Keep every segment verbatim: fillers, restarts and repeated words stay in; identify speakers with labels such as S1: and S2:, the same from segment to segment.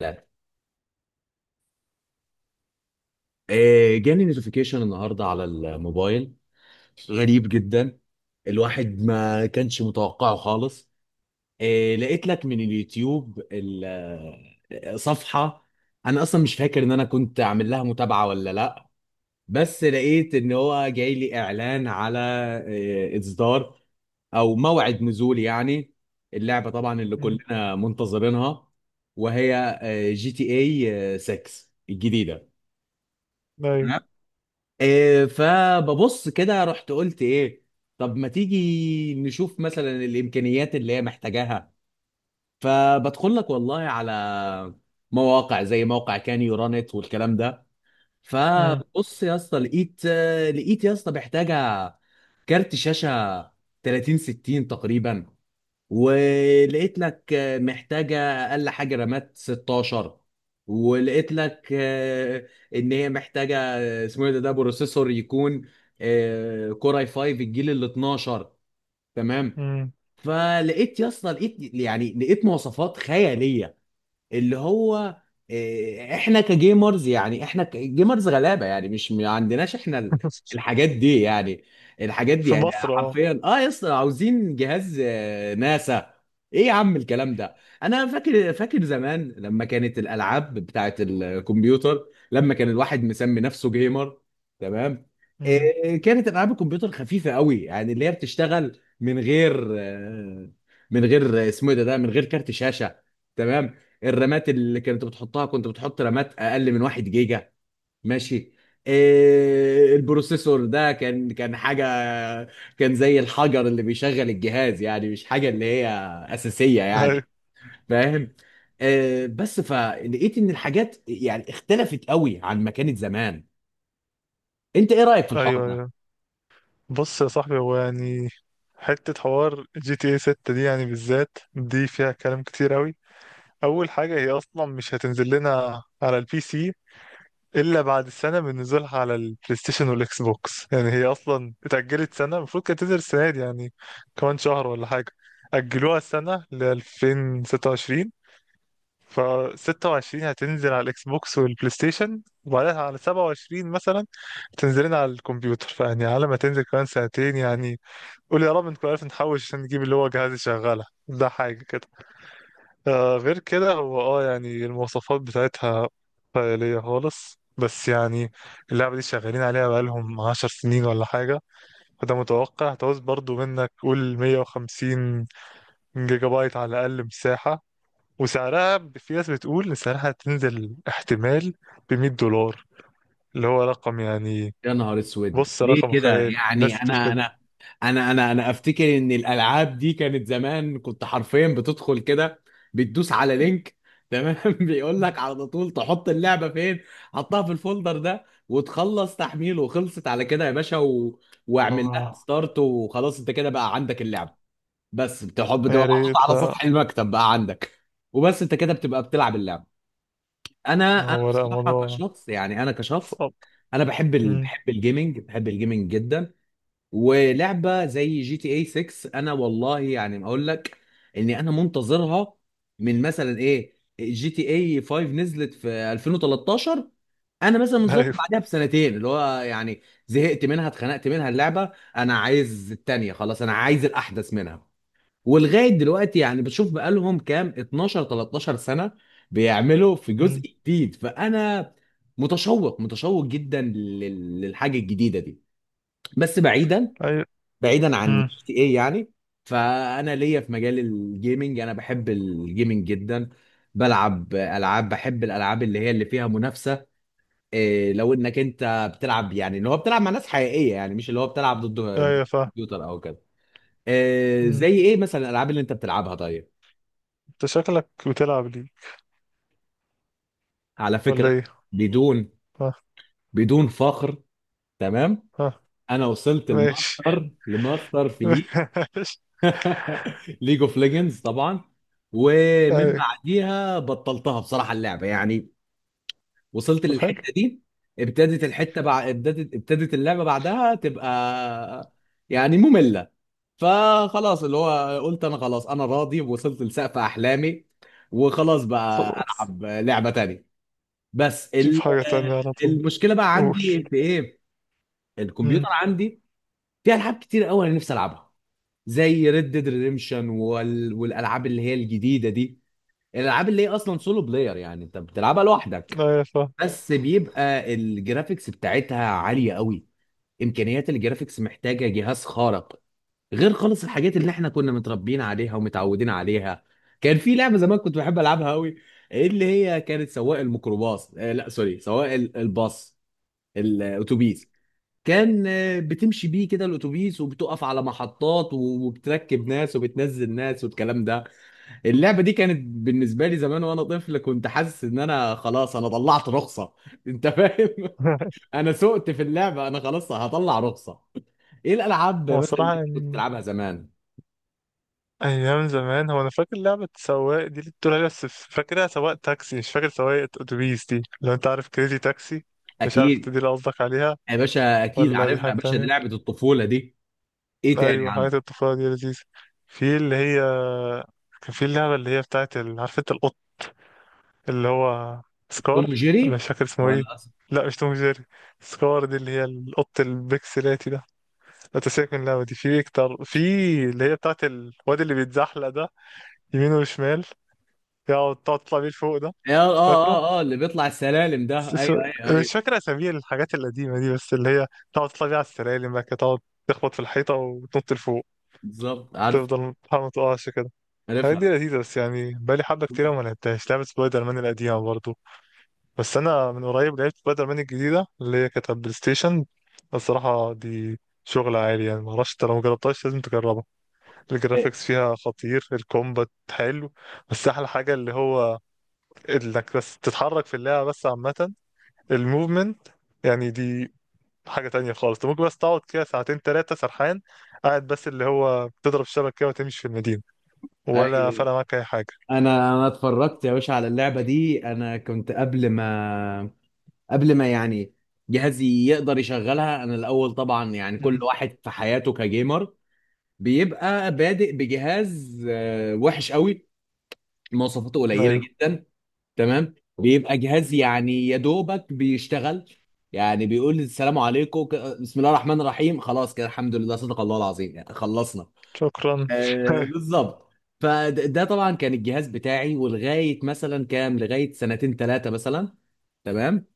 S1: لا. آه، جاني نوتيفيكيشن النهارده على الموبايل. غريب جدا. الواحد ما كانش متوقعه خالص. آه، لقيت لك من اليوتيوب ال- آه، صفحة. انا اصلا مش فاكر ان انا كنت عامل لها متابعة ولا لا. بس لقيت ان هو جاي لي اعلان على آه، اصدار او موعد نزول يعني. اللعبة طبعا اللي
S2: مم.
S1: كلنا منتظرينها، وهي آه، جي تي اي ستة الجديدة.
S2: ايوه.
S1: إيه، فببص كده رحت قلت ايه؟ طب ما تيجي نشوف مثلا الامكانيات اللي هي محتاجاها. فبدخل لك والله على مواقع زي موقع كان يورانت والكلام ده.
S2: مم.
S1: فبص يا اسطى، لقيت لقيت يا اسطى محتاجه كارت شاشه تلاتين ستين تقريبا. ولقيت لك آه، محتاجة أقل حاجة رامات ستاشر. ولقيت لك آه، إن هي محتاجة آه، اسمه إيه ده ده بروسيسور يكون آه، كور اي فايف الجيل ال اتناشر. تمام.
S2: مم.
S1: فلقيت يا اسطى، لقيت يعني لقيت مواصفات خيالية اللي هو آه، احنا كجيمرز، يعني احنا كجيمرز غلابه، يعني مش ما عندناش احنا ال- الحاجات دي يعني. الحاجات دي
S2: في
S1: يعني
S2: مصر اه.
S1: حرفيا اه يا اسطى عاوزين جهاز آه، ناسا. ايه يا عم الكلام ده؟ انا فاكر فاكر زمان لما كانت الالعاب بتاعت الكمبيوتر، لما كان الواحد مسمي نفسه جيمر. تمام.
S2: مم.
S1: آه، كانت العاب الكمبيوتر خفيفه قوي، يعني اللي هي بتشتغل من غير آه، من غير اسمه إيه ده ده من غير كارت شاشه. تمام. الرامات اللي كانت بتحطها، كنت بتحط رامات اقل من واحد جيجا. ماشي. إيه البروسيسور ده كان كان حاجه، كان زي الحجر اللي بيشغل الجهاز، يعني مش حاجه اللي هي اساسيه
S2: ايوه
S1: يعني. فاهم. إيه بس فلقيت ان الحاجات يعني اختلفت قوي عن ما كانت زمان. انت ايه رايك في الحوار
S2: ايوه
S1: ده؟
S2: ايوه. بص يا صاحبي، هو يعني حتة حوار جي تي اي ستة دي يعني بالذات دي فيها كلام كتير أوي. أول حاجة، هي أصلا مش هتنزل لنا على البي سي إلا بعد سنة من نزولها على البلاي ستيشن والإكس بوكس، يعني هي أصلا اتأجلت سنة، المفروض كانت تنزل السنة دي يعني كمان شهر ولا حاجة. أجلوها سنة ل ألفين وستة وعشرين، ف ستة وعشرين هتنزل على الاكس بوكس والبلاي ستيشن، وبعدها على سبعة وعشرين مثلا تنزلين على الكمبيوتر، فيعني على ما تنزل كمان سنتين يعني. قول يا رب نكون عارف نحوش عشان نجيب اللي هو جهاز يشغلها، ده حاجة كده. آه غير كده، هو اه يعني المواصفات بتاعتها خيالية خالص، بس يعني اللعبة دي شغالين عليها بقالهم عشر سنين ولا حاجة، فده متوقع. هتعوز برضو منك قول مية وخمسين جيجا بايت على الأقل مساحة. وسعرها ب- في ناس بتقول ان سعرها هتنزل احتمال ب مية دولار، اللي هو رقم يعني.
S1: يا نهار اسود،
S2: بص،
S1: ليه
S2: رقم
S1: كده؟
S2: خيالي، الناس
S1: يعني
S2: بتقول
S1: انا
S2: كده.
S1: انا انا انا انا افتكر ان الالعاب دي كانت زمان، كنت حرفيا بتدخل كده، بتدوس على لينك. تمام. بيقول لك على طول تحط اللعبه فين، حطها في الفولدر ده وتخلص تحميل، وخلصت على كده يا باشا و... واعمل لها
S2: آه،
S1: ستارت وخلاص، انت كده بقى عندك اللعبه، بس بتحب تبقى
S2: يا
S1: محطوطة
S2: ريت
S1: على
S2: لا.
S1: سطح المكتب بقى عندك. وبس انت كده بتبقى بتلعب اللعبه. انا انا
S2: هو لا،
S1: بصراحه
S2: موضوع
S1: كشخص، يعني انا كشخص،
S2: صعب.
S1: انا بحب ال...
S2: مم.
S1: بحب الجيمنج، بحب الجيمنج جدا. ولعبه زي جي تي اي ستة، انا والله يعني ما اقول لك اني انا منتظرها من مثلا ايه، جي تي اي خمسة نزلت في ألفين وثلاثة عشر. انا مثلا منتظرها
S2: ايوه.
S1: بعدها بسنتين، اللي هو يعني زهقت منها، اتخنقت منها اللعبه، انا عايز التانيه، خلاص انا عايز الاحدث منها. ولغايه دلوقتي يعني بشوف بقالهم كام، اتناشر تلتاشر سنه بيعملوا في جزء
S2: مم.
S1: جديد. فانا متشوق، متشوق جدا لل- للحاجه الجديده دي. بس بعيدا،
S2: ايوه.
S1: بعيدا عن
S2: مم.
S1: جي ايه يعني. فانا ليا في مجال الجيمنج، انا بحب الجيمنج جدا. بلعب العاب، بحب الالعاب اللي هي اللي فيها منافسه. إيه لو انك انت بتلعب، يعني اللي هو بتلعب مع ناس حقيقيه، يعني مش اللي هو بتلعب ضد
S2: ايوه فاهم.
S1: كمبيوتر او كده. إيه
S2: مم.
S1: زي ايه مثلا الالعاب اللي انت بتلعبها؟ طيب،
S2: انت شكلك بتلعب ليه
S1: على
S2: ولا
S1: فكره،
S2: ايه؟
S1: بدون
S2: ها.
S1: بدون فخر، تمام،
S2: ها.
S1: انا وصلت
S2: ماشي.
S1: الماستر لماستر في ليج
S2: ماشي.
S1: ليج اوف ليجندز طبعا. ومن
S2: ايوه.
S1: بعديها بطلتها بصراحه اللعبه يعني، وصلت
S2: طب حلو.
S1: للحته دي. ابتدت الحته بع... ابتدت ابتدت اللعبه بعدها تبقى يعني ممله. فخلاص اللي هو قلت انا خلاص انا راضي، وصلت لسقف احلامي، وخلاص بقى
S2: خلاص،
S1: العب لعبه تانية. بس
S2: شوف
S1: ال...
S2: حاجة تانية على طول.
S1: المشكله بقى
S2: قول.
S1: عندي في ايه؟ الكمبيوتر
S2: مم.
S1: عندي فيه العاب كتير قوي انا نفسي العبها، زي ريد ديد ريديمشن والالعاب اللي هي الجديده دي. الالعاب اللي هي اصلا سولو بلاير، يعني انت بتلعبها لوحدك.
S2: ايوه فاهم.
S1: بس بيبقى الجرافيكس بتاعتها عاليه قوي. امكانيات الجرافيكس محتاجه جهاز خارق، غير خالص الحاجات اللي احنا كنا متربيين عليها ومتعودين عليها. كان في لعبه زمان كنت بحب العبها قوي، اللي هي كانت سواق الميكروباص، آه لا سوري، سواق ال- الباص، الاتوبيس. كان آه، بتمشي بيه كده الاتوبيس، وبتقف على محطات و- وبتركب ناس وبتنزل ناس والكلام ده. اللعبه دي كانت بالنسبه لي زمان وانا طفل، كنت حاسس ان انا خلاص انا طلعت رخصه. انت فاهم؟ انا سقت في اللعبه، انا خلاص هطلع رخصه. ايه الالعاب
S2: هو
S1: مثلا اللي
S2: صراحة
S1: انت كنت
S2: يعني
S1: بتلعبها زمان؟
S2: ايام زمان، هو انا فاكر لعبه سواق دي اللي بتقول عليها، بس فاكرها سواق تاكسي، مش فاكر سواق اتوبيس دي. لو انت عارف كريزي تاكسي، مش عارف انت
S1: اكيد
S2: دي اللي قصدك عليها
S1: يا باشا، اكيد
S2: ولا دي
S1: عارفها يا
S2: حاجه
S1: باشا، دي
S2: تانية؟
S1: لعبه الطفوله دي. ايه تاني
S2: ايوه، حاجات
S1: عنه؟
S2: الطفوله دي لذيذه. في اللي هي كان في اللعبه اللي هي بتاعت ال... عارف انت القط اللي هو
S1: توم
S2: سكار، ولا
S1: جيري
S2: مش فاكر اسمه ايه.
S1: ولا اصلا؟
S2: لا مش توم جيري، سكار دي اللي هي القط البكسلاتي ده. لا تسيبك من اللعبه دي، في اكتر، في اللي هي بتاعت الواد اللي بيتزحلق ده يمين وشمال، تقعد تقعد تطلع بيه لفوق ده.
S1: اه، اه،
S2: فاكره؟
S1: اه، اه اللي بيطلع السلالم ده،
S2: س- س-
S1: ايوه ايوه
S2: أنا
S1: ايوه،
S2: مش فاكر أسامي الحاجات القديمة دي، بس اللي هي تقعد تطلع بيه على السلالم بقى كده، تقعد تخبط في الحيطة وتنط لفوق،
S1: بالظبط، عارف،
S2: تفضل تحاول ما تقعش كده. الحاجات دي
S1: عارفها.
S2: لذيذة، بس يعني بقالي حبة كتيرة وما لعبتهاش. لعبة سبايدر مان القديمة برضه، بس أنا من قريب لعبت سبايدر مان الجديدة اللي هي كانت على البلاي ستيشن. الصراحة دي شغل عالي يعني، معرفش انت لو مجربتهاش لازم تجربها. الجرافيكس فيها خطير، الكومبات حلو، بس أحلى حاجة اللي هو انك بس تتحرك في اللعبة بس. عامة الموفمنت يعني دي حاجة تانية خالص، انت ممكن بس تقعد كده ساعتين تلاتة سرحان، قاعد بس اللي هو بتضرب الشبكة كده وتمشي في المدينة، ولا
S1: ايوه.
S2: فرق معاك أي حاجة.
S1: انا انا اتفرجت يا باشا على اللعبه دي، انا كنت قبل ما قبل ما يعني جهازي يقدر يشغلها. انا الاول طبعا يعني كل
S2: مم.
S1: واحد في حياته كجيمر بيبقى بادئ بجهاز آه، وحش قوي، مواصفاته قليله
S2: أيوه.
S1: جدا. تمام. بيبقى جهاز يعني يا دوبك بيشتغل، يعني بيقول السلام عليكم، ك- بسم الله الرحمن الرحيم، خلاص كده الحمد لله صدق الله العظيم يعني خلصنا.
S2: شكرا.
S1: آه،
S2: أيوه.
S1: بالظبط. فده طبعا كان الجهاز بتاعي، ولغايه مثلا كام، لغايه سنتين ثلاثه مثلا. تمام.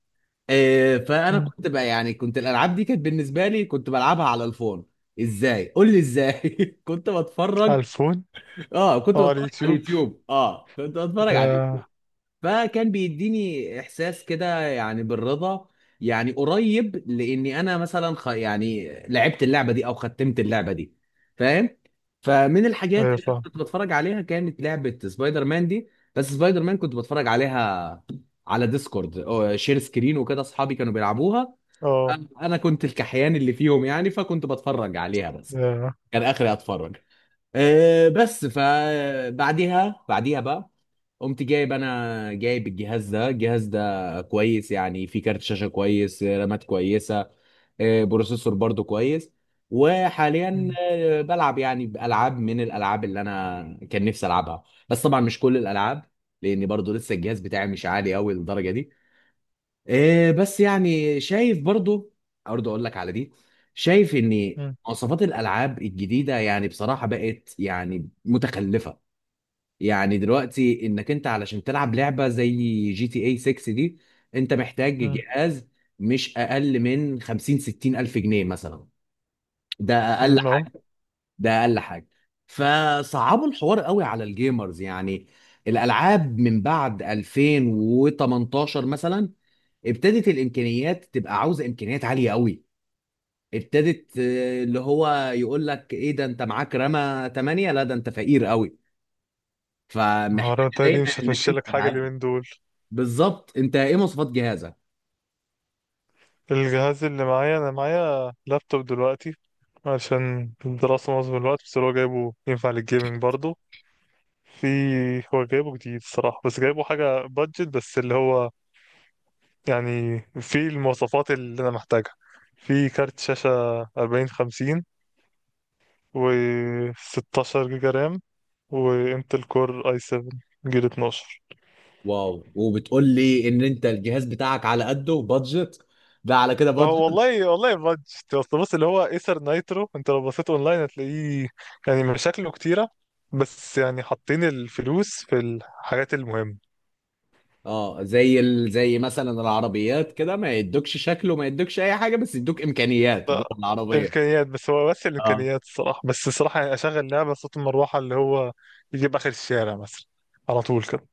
S1: آه، فانا
S2: مم.
S1: كنت بقى يعني كنت الالعاب دي كانت بالنسبه لي كنت بلعبها على الفون. ازاي؟ قول لي ازاي. كنت
S2: على
S1: بتفرج.
S2: الفون
S1: اه كنت
S2: أو على
S1: بتفرج على
S2: اليوتيوب.
S1: اليوتيوب، اه كنت بتفرج على.
S2: آه،
S1: فكان بيديني احساس كده يعني بالرضا، يعني قريب لاني انا مثلا خ... يعني لعبت اللعبه دي او ختمت اللعبه دي. فاهم؟ فمن
S2: أيوه
S1: الحاجات اللي أنا
S2: فاهم.
S1: كنت بتفرج عليها كانت لعبه سبايدر مان دي. بس سبايدر مان كنت بتفرج عليها على ديسكورد أو شير سكرين وكده، اصحابي كانوا بيلعبوها،
S2: أه.
S1: انا كنت الكحيان اللي فيهم يعني، فكنت بتفرج عليها بس.
S2: ياه.
S1: كان اخري اتفرج. أه بس فبعديها بعديها بعديها بقى قمت جايب، انا جايب الجهاز ده، الجهاز ده كويس يعني، فيه كارت شاشة كويس، رامات كويسة، آه، بروسيسور برضو كويس. وحاليا
S2: مم.
S1: آه، بلعب يعني بألعاب من الألعاب اللي انا كان نفسي ألعبها، بس طبعا مش كل الألعاب، لأن برضو لسه الجهاز بتاعي مش عالي قوي للدرجة دي. آه، بس يعني شايف برضو، برضو اقول لك على دي، شايف ان
S2: مم.
S1: مواصفات الألعاب الجديدة يعني بصراحة بقت يعني متخلفة. يعني دلوقتي انك انت علشان تلعب لعبه زي جي تي اي ستة دي، انت محتاج
S2: مم.
S1: جهاز مش اقل من خمسين ستين الف جنيه مثلا، ده اقل
S2: مم. أه.
S1: حاجه، ده اقل حاجه. فصعبوا الحوار قوي على الجيمرز يعني. الالعاب من بعد ألفين وتمنتاشر مثلا ابتدت الامكانيات تبقى عاوزه امكانيات عاليه قوي. ابتدت آه، اللي هو يقول لك ايه ده، انت معاك رامة تمانية، لا ده انت فقير قوي،
S2: العربية
S1: فمحتاج
S2: التانية دي مش
S1: دايما انك
S2: هتمشي لك حاجة
S1: انت.
S2: اليومين دول.
S1: بالظبط. انت ايه مواصفات جهازك؟
S2: الجهاز اللي معايا، انا معايا لابتوب دلوقتي عشان الدراسة معظم الوقت، بس هو جايبه ينفع للجيمنج برضه. في، هو جايبه جديد الصراحة، بس جايبه حاجة بادجت، بس اللي هو يعني في المواصفات اللي أنا محتاجها. في كارت شاشة أربعين خمسين، و ستة عشر جيجا رام، وانتل كور اي سبعة جيل اتناشر.
S1: واو، وبتقول لي ان انت الجهاز بتاعك على قده بادجت؟ ده على كده
S2: هو
S1: بادجت.
S2: والله والله بادجت، اصل بص اللي هو ايسر نايترو، انت لو بصيت اونلاين هتلاقيه يعني مشاكله كتيره، بس يعني حاطين الفلوس في الحاجات المهمه.
S1: اه، زي ال... زي مثلا العربيات كده، ما يدوكش شكله، ما يدوكش اي حاجه بس يدوك امكانيات جوه
S2: لا،
S1: العربيه.
S2: الامكانيات بس، هو بس
S1: اه
S2: الامكانيات الصراحه، بس الصراحه يعني اشغل لعبه صوت المروحه اللي هو يجيب اخر الشارع مثلا، على طول كده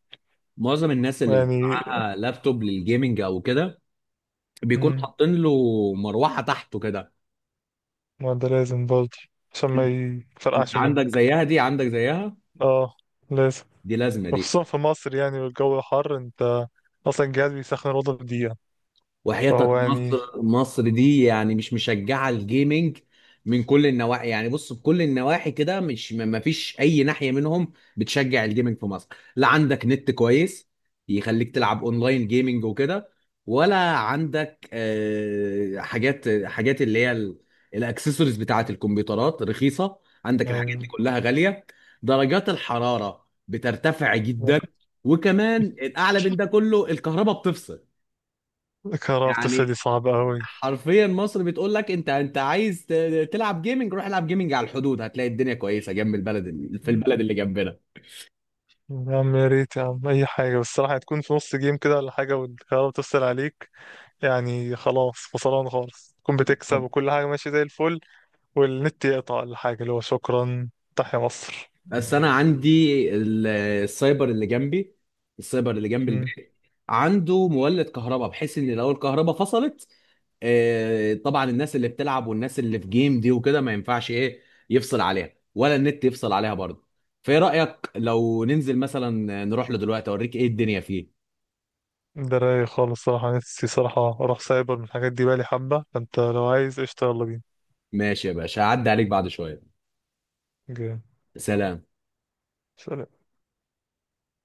S1: معظم الناس اللي بيبقى
S2: يعني.
S1: معاها لابتوب للجيمنج او كده بيكون
S2: مم،
S1: حاطين له مروحه تحته كده.
S2: ما ده لازم برضه عشان ما
S1: انت
S2: يفرقعش
S1: عندك
S2: منك.
S1: زيها دي، عندك زيها،
S2: اه لازم.
S1: دي لازمه دي.
S2: وخصوصا في مصر يعني والجو حر، انت اصلا الجهاز بيسخن الاوضه في دقيقه.
S1: وحياتك
S2: فهو يعني
S1: مصر، مصر دي يعني مش مشجعه الجيمنج من كل النواحي، يعني بص بكل النواحي كده مش ما ما فيش اي ناحيه منهم بتشجع الجيمنج في مصر. لا عندك نت كويس يخليك تلعب اونلاين جيمنج وكده، ولا عندك آه، حاجات حاجات اللي هي ال- الاكسسوارز بتاعه الكمبيوترات رخيصه. عندك الحاجات دي
S2: يعني
S1: كلها غاليه. درجات الحراره بترتفع جدا. وكمان الاعلى من ده كله الكهرباء بتفصل.
S2: كرافت، بس دي
S1: يعني
S2: صعبة أوي.
S1: حرفيا مصر بتقول لك انت انت عايز ت- تلعب جيمنج، روح العب جيمنج على الحدود، هتلاقي الدنيا كويسه جنب البلد، ال- في البلد اللي جنبنا.
S2: يا عم، يا ريت يا عم أي حاجة، بس الصراحة هتكون في نص جيم كده ولا حاجة والكهرباء بتفصل عليك يعني خلاص خسران خالص. تكون بتكسب
S1: بالظبط.
S2: وكل حاجة ماشية زي الفل، والنت يقطع ولا حاجة، اللي هو شكرا، تحيا مصر.
S1: بس انا عندي، ال- السايبر اللي جنبي، السايبر اللي جنب
S2: مم.
S1: البيت عنده مولد كهرباء، بحيث ان لو الكهرباء فصلت آه، طبعا الناس اللي بتلعب والناس اللي في جيم دي وكده ما ينفعش ايه، يفصل عليها، ولا النت يفصل عليها برضه. فايه رايك لو ننزل مثلا نروح له دلوقتي اوريك ايه الدنيا فيه؟
S2: ده رايق خالص صراحة، نفسي صراحة أروح سايبر، من الحاجات دي بالي حبة، فأنت لو عايز قشطة يلا بينا.
S1: ماشي يا باشا، هعدي عليك بعد شويه.
S2: جامد.
S1: سلام.
S2: سلام.